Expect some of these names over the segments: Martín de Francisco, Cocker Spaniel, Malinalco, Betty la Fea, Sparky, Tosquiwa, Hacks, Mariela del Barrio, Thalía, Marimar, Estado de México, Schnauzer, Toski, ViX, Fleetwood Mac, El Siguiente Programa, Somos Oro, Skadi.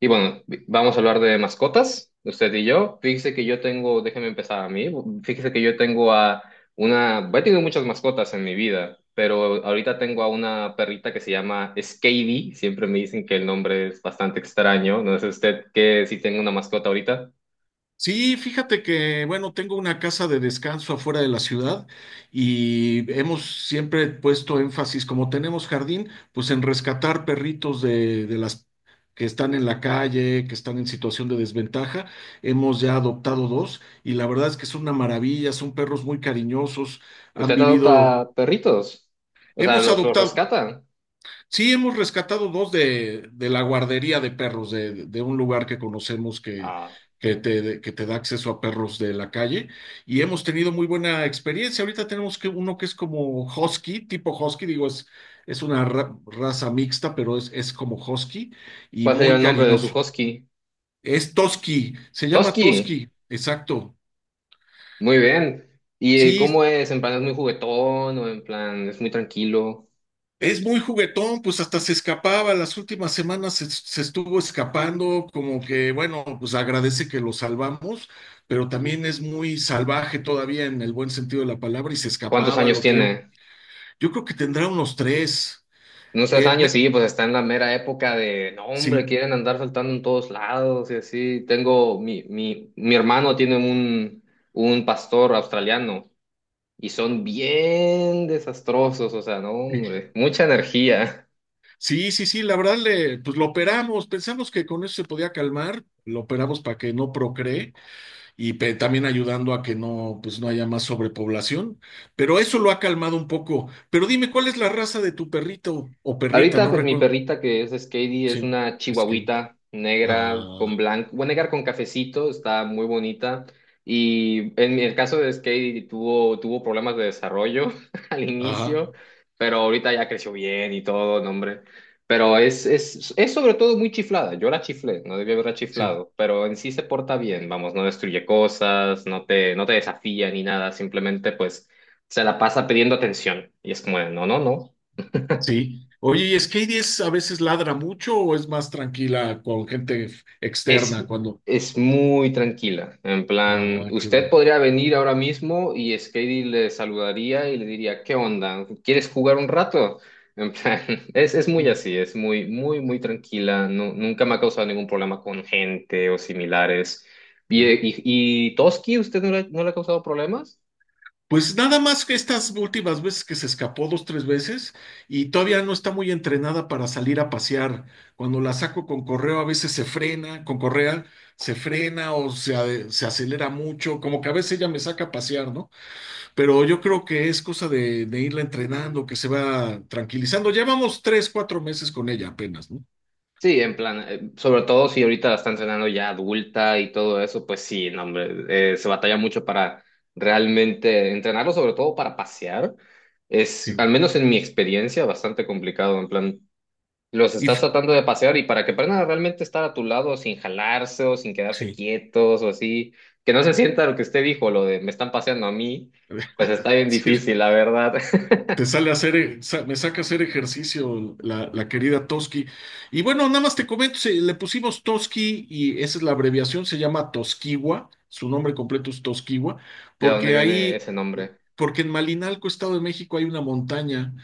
Y bueno, vamos a hablar de mascotas, usted y yo. Fíjese que yo tengo, déjeme empezar a mí, fíjese que yo tengo a una, he tenido muchas mascotas en mi vida, pero ahorita tengo a una perrita que se llama Skady, siempre me dicen que el nombre es bastante extraño, no sé usted que si tengo una mascota ahorita. Sí, fíjate que, bueno, tengo una casa de descanso afuera de la ciudad y hemos siempre puesto énfasis, como tenemos jardín, pues en rescatar perritos de las que están en la calle, que están en situación de desventaja. Hemos ya adoptado dos y la verdad es que es una maravilla, son perros muy cariñosos, han ¿Usted vivido, adopta perritos? O sea, hemos ¿los adoptado. rescata? Sí, hemos rescatado dos de la guardería de perros, de un lugar que conocemos que, Ah, que te, que te da acceso a perros de la calle y hemos tenido muy buena experiencia. Ahorita tenemos que uno que es como husky, tipo husky, digo, es una raza mixta, pero es como husky y ¿cuál sería muy el nombre de su cariñoso. husky? Es Toski, se llama Toski, Toski, exacto. muy bien. ¿Y Sí, cómo es? ¿En plan es muy juguetón o en plan es muy tranquilo? es muy juguetón, pues hasta se escapaba, las últimas semanas se estuvo escapando, como que, bueno, pues agradece que lo salvamos, pero también es muy salvaje todavía en el buen sentido de la palabra y se ¿Cuántos escapaba, años lo tenemos. tiene? Yo creo que tendrá unos tres. Unos tres eh, años, me- sí, pues está en la mera época de, no, hombre, sí, quieren andar saltando en todos lados y así. Mi hermano tiene un pastor australiano y son bien desastrosos, o sea, no, sí, hombre, mucha energía. sí, sí, sí, la verdad, le, pues lo operamos, pensamos que con eso se podía calmar, lo operamos para que no procree y también ayudando a que no, pues no haya más sobrepoblación. Pero eso lo ha calmado un poco. Pero dime, ¿cuál es la raza de tu perrito o perrita? Ahorita, No pues mi recuerdo. perrita que es Skady es Sí, una es que. chihuahuita negra con Ah, blanco, bueno, negra con cafecito, está muy bonita. Y en el caso de Skady tuvo problemas de desarrollo al ajá, inicio, pero ahorita ya creció bien y todo, no, hombre. Pero es sobre todo muy chiflada. Yo la chiflé, no debía haberla sí, chiflado, pero en sí se porta bien, vamos, no destruye cosas, no te desafía ni nada, simplemente pues se la pasa pidiendo atención. Y es como, de, no, no, no. sí. Oye, ¿y Skady es, a veces ladra mucho o es más tranquila con gente Es, externa cuando... es muy tranquila. En plan, Ah, qué usted bueno. podría venir ahora mismo y Skady le saludaría y le diría, ¿qué onda? ¿Quieres jugar un rato? En plan, es muy Sí, así, es muy, muy, muy tranquila. No, nunca me ha causado ningún problema con gente o similares. ¿Y, sí. y, y Toski, usted no le ha causado problemas? Pues nada más que estas últimas veces que se escapó dos, tres veces y todavía no está muy entrenada para salir a pasear. Cuando la saco con correo a veces se frena, con correa se frena o se acelera mucho, como que a veces ella me saca a pasear, ¿no? Pero yo creo que es cosa de irla entrenando, que se va tranquilizando. Llevamos tres, cuatro meses con ella apenas, ¿no? Sí, en plan, sobre todo si ahorita la están cenando ya adulta y todo eso, pues sí, no, hombre, se batalla mucho para realmente entrenarlo, sobre todo para pasear. Es, Sí. al menos en mi experiencia, bastante complicado, en plan, los Y estás f- tratando de pasear y para que aprendan a realmente estar a tu lado sin jalarse o sin quedarse sí. quietos o así, que no se sienta lo que usted dijo, lo de me están paseando a mí, pues está bien Sí, difícil, la verdad. te sale a hacer, me saca a hacer ejercicio la querida Toski. Y bueno, nada más te comento, le pusimos Toski y esa es la abreviación, se llama Tosquiwa, su nombre completo es Tosquiwa, ¿De dónde porque viene ahí, ese nombre? porque en Malinalco, Estado de México, hay una montaña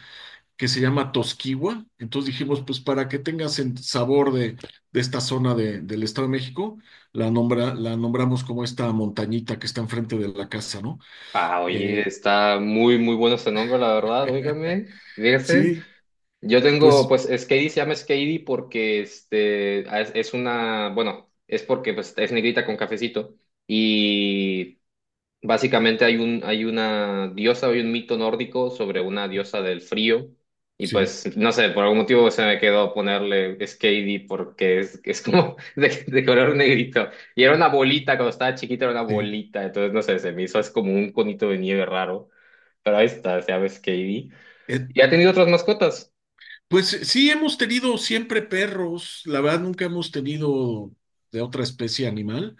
que se llama Tosquiwa, entonces dijimos, pues para que tengas el sabor de esta zona del Estado de México, la, nombra, la nombramos como esta montañita que está enfrente de la casa, ¿no? Ah, oye, Eh, está muy, muy bueno ese nombre, la verdad, óigame, fíjese. sí, Yo tengo, pues pues, Skady se llama Skady porque, es una, bueno, es porque, pues, es negrita con cafecito. Y básicamente hay una diosa, hay un mito nórdico sobre una diosa del frío. Y sí. pues, no sé, por algún motivo se me quedó ponerle Skadi porque es como de color negrito. Y era una bolita, cuando estaba chiquita era una Sí. bolita. Entonces, no sé, se me hizo es como un conito de nieve raro. Pero ahí está, se llama Skadi. Es, ¿Y ha tenido otras mascotas? pues sí, hemos tenido siempre perros, la verdad nunca hemos tenido de otra especie animal.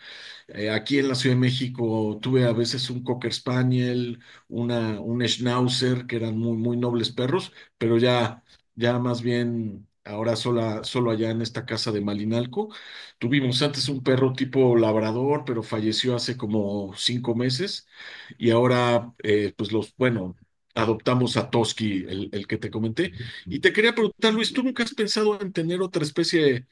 Aquí en la Ciudad de México tuve a veces un Cocker Spaniel, una, un Schnauzer, que eran muy, muy nobles perros, pero ya, ya más bien ahora sola, solo allá en esta casa de Malinalco. Tuvimos antes un perro tipo labrador, pero falleció hace como cinco meses y ahora, pues los, bueno, adoptamos a Toski, el que te comenté. Y te quería preguntar, Luis, ¿tú nunca has pensado en tener otra especie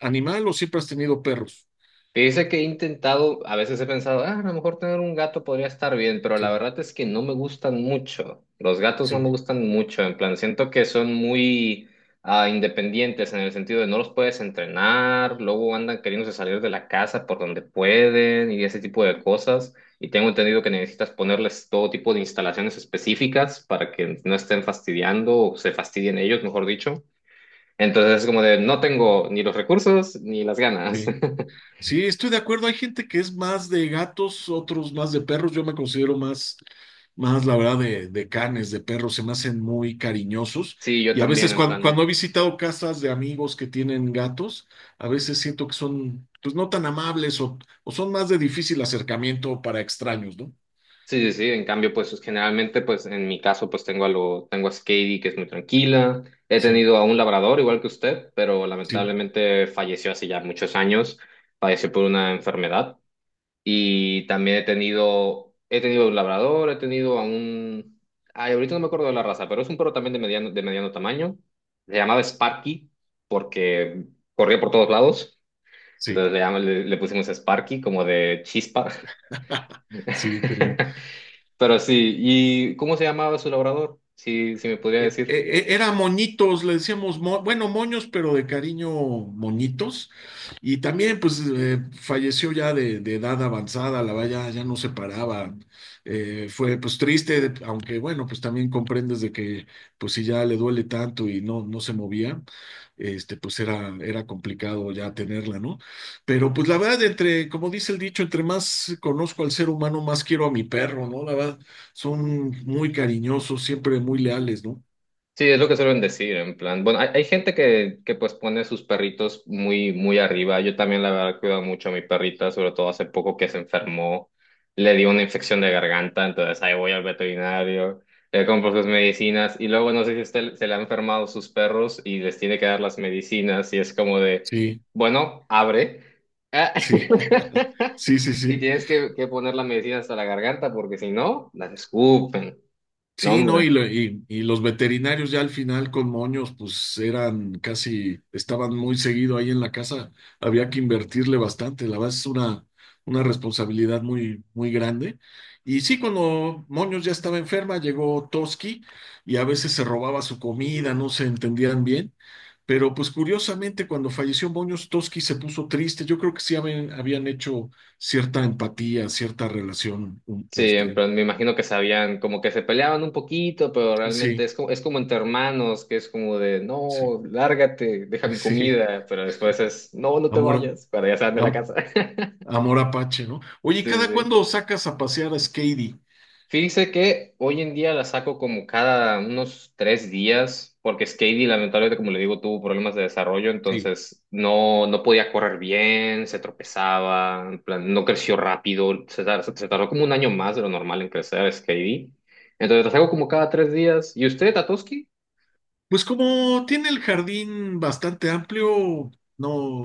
animal o siempre has tenido perros? Dice que he intentado, a veces he pensado, "Ah, a lo mejor tener un gato podría estar bien, pero la Sí, verdad es que no me gustan mucho. Los gatos no sí, me gustan mucho, en plan, siento que son muy independientes en el sentido de no los puedes entrenar, luego andan queriéndose salir de la casa por donde pueden y ese tipo de cosas. Y tengo entendido que necesitas ponerles todo tipo de instalaciones específicas para que no estén fastidiando o se fastidien ellos, mejor dicho. Entonces es como de, no tengo ni los recursos ni las ganas. sí. Sí, estoy de acuerdo. Hay gente que es más de gatos, otros más de perros. Yo me considero más, más, la verdad, de canes, de perros. Se me hacen muy cariñosos. Sí, yo Y a también, veces en cuando he plan. visitado casas de amigos que tienen gatos, a veces siento que son, pues, no tan amables o son más de difícil acercamiento para extraños, ¿no? Sí, sí, sí. En cambio, pues generalmente, pues en mi caso, pues tengo a Skady, que es muy tranquila. He Sí, tenido a un labrador, igual que usted, pero sí, lamentablemente falleció hace ya muchos años. Falleció por una enfermedad. Y también he tenido un labrador, he tenido a un. Ay, ahorita no me acuerdo de la raza, pero es un perro también de mediano tamaño. Se llamaba Sparky porque corría por todos lados. sí. Entonces le pusimos Sparky como de chispa. Sí, qué lindo. Pero sí, ¿y cómo se llamaba su labrador? Si, si me podría eh, eh, decir. Era moñitos, le decíamos, bueno, moños, pero de cariño moñitos. Y también, pues, falleció ya de edad avanzada, la valla ya no se paraba. Fue, pues, triste, aunque, bueno, pues también comprendes de que, pues, si ya le duele tanto y no, no se movía, este, pues era, era complicado ya tenerla, ¿no? Pero, pues, la verdad, entre, como dice el dicho, entre más conozco al ser humano, más quiero a mi perro, ¿no? La verdad, son muy cariñosos, siempre muy leales, ¿no? Sí, es lo que suelen decir, en plan. Bueno, hay gente que pues pone sus perritos muy, muy arriba. Yo también la verdad cuido mucho a mi perrita, sobre todo hace poco que se enfermó, le dio una infección de garganta, entonces ahí voy al veterinario, le compro sus medicinas y luego no sé si a usted se le han enfermado sus perros y les tiene que dar las medicinas y es como de, Sí, bueno, abre. Ah, sí, sí, sí, Y sí. tienes que poner las medicinas hasta la garganta porque si no, las escupen. No, Sí, no, hombre. Y los veterinarios ya al final con moños, pues eran casi, estaban muy seguido ahí en la casa, había que invertirle bastante, la verdad es una responsabilidad muy, muy grande. Y sí, cuando Moños ya estaba enferma, llegó Toski y a veces se robaba su comida, no se entendían bien, pero pues curiosamente cuando falleció Moños, Toski se puso triste, yo creo que sí habían hecho cierta empatía, cierta relación, Sí, este, pero me imagino que sabían, como que se peleaban un poquito, pero realmente sí, es como entre hermanos, que es como de, sí, no, lárgate, deja mi sí. comida, pero después es, no, no te Amor, vayas, para ya salen de la casa. am- amor Apache, ¿no? Oye, ¿y Sí, cada sí. cuándo sacas a pasear a Skady? Fíjese que hoy en día la saco como cada unos 3 días, porque Skady lamentablemente, como le digo, tuvo problemas de desarrollo, Sí. entonces no, no podía correr bien, se tropezaba, en plan, no creció rápido, se tardó como un año más de lo normal en crecer Skady. Entonces la saco como cada 3 días. ¿Y usted, Tatoski? Pues como tiene el jardín bastante amplio, no.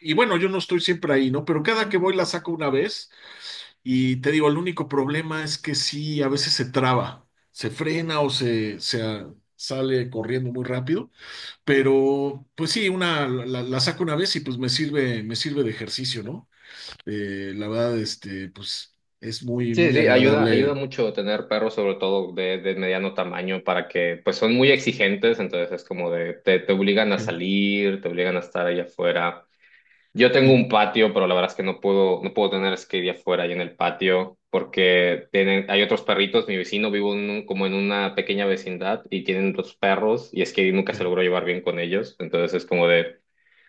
Y bueno, yo no estoy siempre ahí, ¿no? Pero cada que voy la saco una vez y te digo, el único problema es que sí, a veces se traba, se frena o sale corriendo muy rápido, pero pues sí, la saco una vez y pues me sirve de ejercicio, ¿no? La verdad, este, pues es muy, Sí, muy sí, ayuda agradable. mucho tener perros, sobre todo de mediano tamaño, para que, pues son muy exigentes, entonces es como de, te obligan a Sí, salir, te obligan a estar ahí afuera. Yo tengo y, un patio, pero la verdad es que no puedo tener skate afuera y en el patio porque tienen, hay otros perritos. Mi vecino vivo en como en una pequeña vecindad y tienen otros perros y skate nunca se eh, logró llevar bien con ellos. Entonces es como de,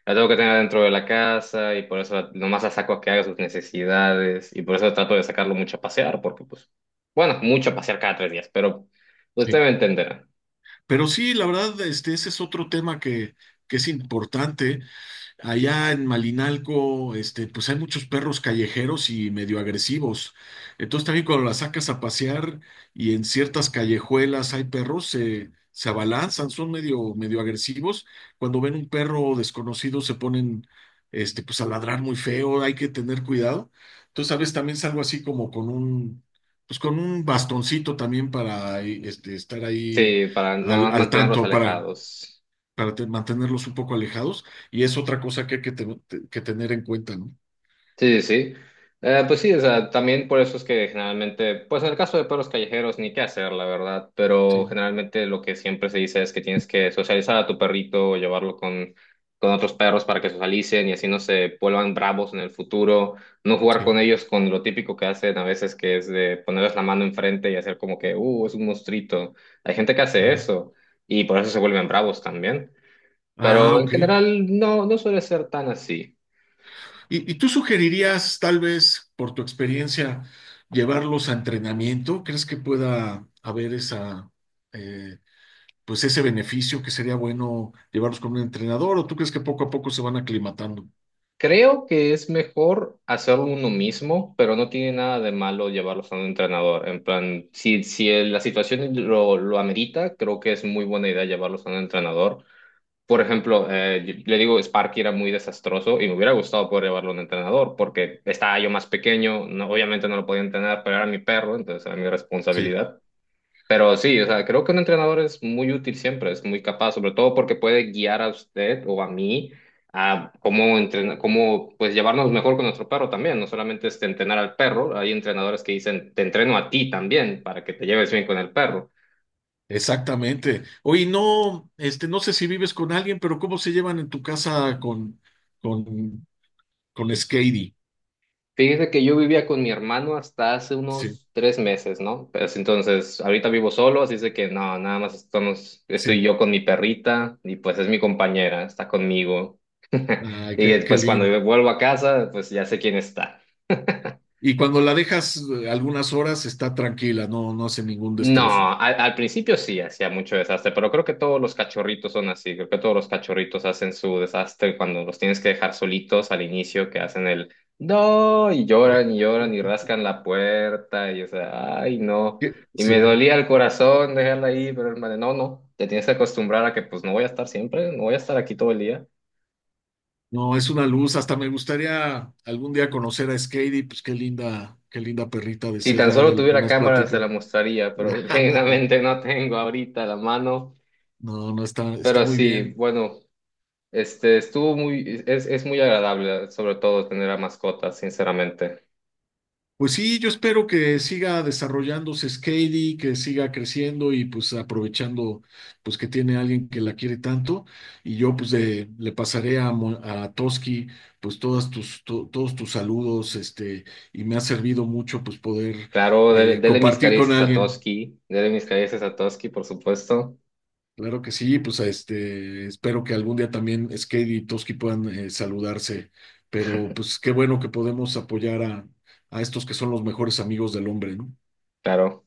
la tengo que tener dentro de la casa y por eso nomás la saco a que haga sus necesidades y por eso trato de sacarlo mucho a pasear porque pues, bueno, mucho a pasear cada 3 días, pero usted sí. me entenderá. Pero sí, la verdad, este, ese es otro tema que es importante. Allá en Malinalco, este, pues hay muchos perros callejeros y medio agresivos. Entonces también cuando las sacas a pasear y en ciertas callejuelas hay perros, se abalanzan, son medio, medio agresivos. Cuando ven un perro desconocido se ponen, este, pues a ladrar muy feo, hay que tener cuidado. Entonces a veces también salgo así como con un, pues con un bastoncito también para, este, estar ahí Sí, para nada más al mantenerlos tanto, para alejados. Mantenerlos un poco alejados. Y es otra cosa que hay que tener en cuenta, ¿no? Sí, sí, sí. Pues sí, o sea, también por eso es que generalmente, pues en el caso de perros callejeros, ni qué hacer, la verdad, pero Sí, generalmente lo que siempre se dice es que tienes que socializar a tu perrito o llevarlo con, otros perros para que socialicen y así no se vuelvan bravos en el futuro, no jugar con sí. ellos con lo típico que hacen a veces, que es de ponerles la mano enfrente y hacer como que, es un monstruito. Hay gente que hace Ah, eso y por eso se vuelven bravos también, ah, pero en ok. general no, no suele ser tan así. Y tú sugerirías, tal vez, por tu experiencia, llevarlos a entrenamiento? ¿Crees que pueda haber esa, eh, pues ese beneficio que sería bueno llevarlos con un entrenador? ¿O tú crees que poco a poco se van aclimatando? Creo que es mejor hacerlo uno mismo, pero no tiene nada de malo llevarlos a un entrenador. En plan, si, si la situación lo amerita, creo que es muy buena idea llevarlos a un entrenador. Por ejemplo, le digo, Sparky era muy desastroso y me hubiera gustado poder llevarlo a un entrenador porque estaba yo más pequeño, obviamente no lo podía entrenar, pero era mi perro, entonces era mi Sí, responsabilidad. Pero sí, o sea, creo que un entrenador es muy útil siempre, es muy capaz, sobre todo porque puede guiar a usted o a mí a cómo entrenar, cómo pues llevarnos mejor con nuestro perro también, no solamente es entrenar al perro, hay entrenadores que dicen, te entreno a ti también para que te lleves bien con el perro. exactamente. Oye, no, este, no sé si vives con alguien, pero ¿cómo se llevan en tu casa con, con Skady? Fíjese que yo vivía con mi hermano hasta hace Sí. unos 3 meses, ¿no? Pues entonces, ahorita vivo solo, así es de que no, nada más estoy Sí, yo con mi perrita y pues es mi compañera, está conmigo. ay, Y qué, qué pues cuando lindo. yo vuelvo a casa, pues ya sé quién está. Y cuando la dejas algunas horas está tranquila, no, no hace ningún destrozo. No, al principio sí hacía mucho desastre, pero creo que todos los cachorritos son así, creo que todos los cachorritos hacen su desastre cuando los tienes que dejar solitos al inicio, que hacen el no, y lloran y lloran y rascan la puerta, y o sea, ay no, y me Sí, dolía el corazón dejarla ahí, pero hermano, no, no, te tienes que acostumbrar a que pues no voy a estar siempre, no voy a estar aquí todo el día. no, es una luz. Hasta me gustaría algún día conocer a Skady, pues qué linda perrita de Si ser tan ya solo de lo que tuviera más cámara se platico. la mostraría, pero genuinamente no tengo ahorita la mano. No, no está, está Pero muy sí, bien. bueno. Es muy agradable, sobre todo tener a mascotas, sinceramente. Pues sí, yo espero que siga desarrollándose Skady, que siga creciendo y pues aprovechando pues que tiene alguien que la quiere tanto y yo pues le pasaré a, a Toski pues todos tus saludos este y me ha servido mucho pues poder Claro, dele, dele mis compartir con caricias a alguien. Toski, dele mis caricias a Toski, por supuesto, Claro que sí, pues este espero que algún día también Skady y Toski puedan saludarse, pero pues qué bueno que podemos apoyar a estos que son los mejores amigos del hombre, ¿no? claro.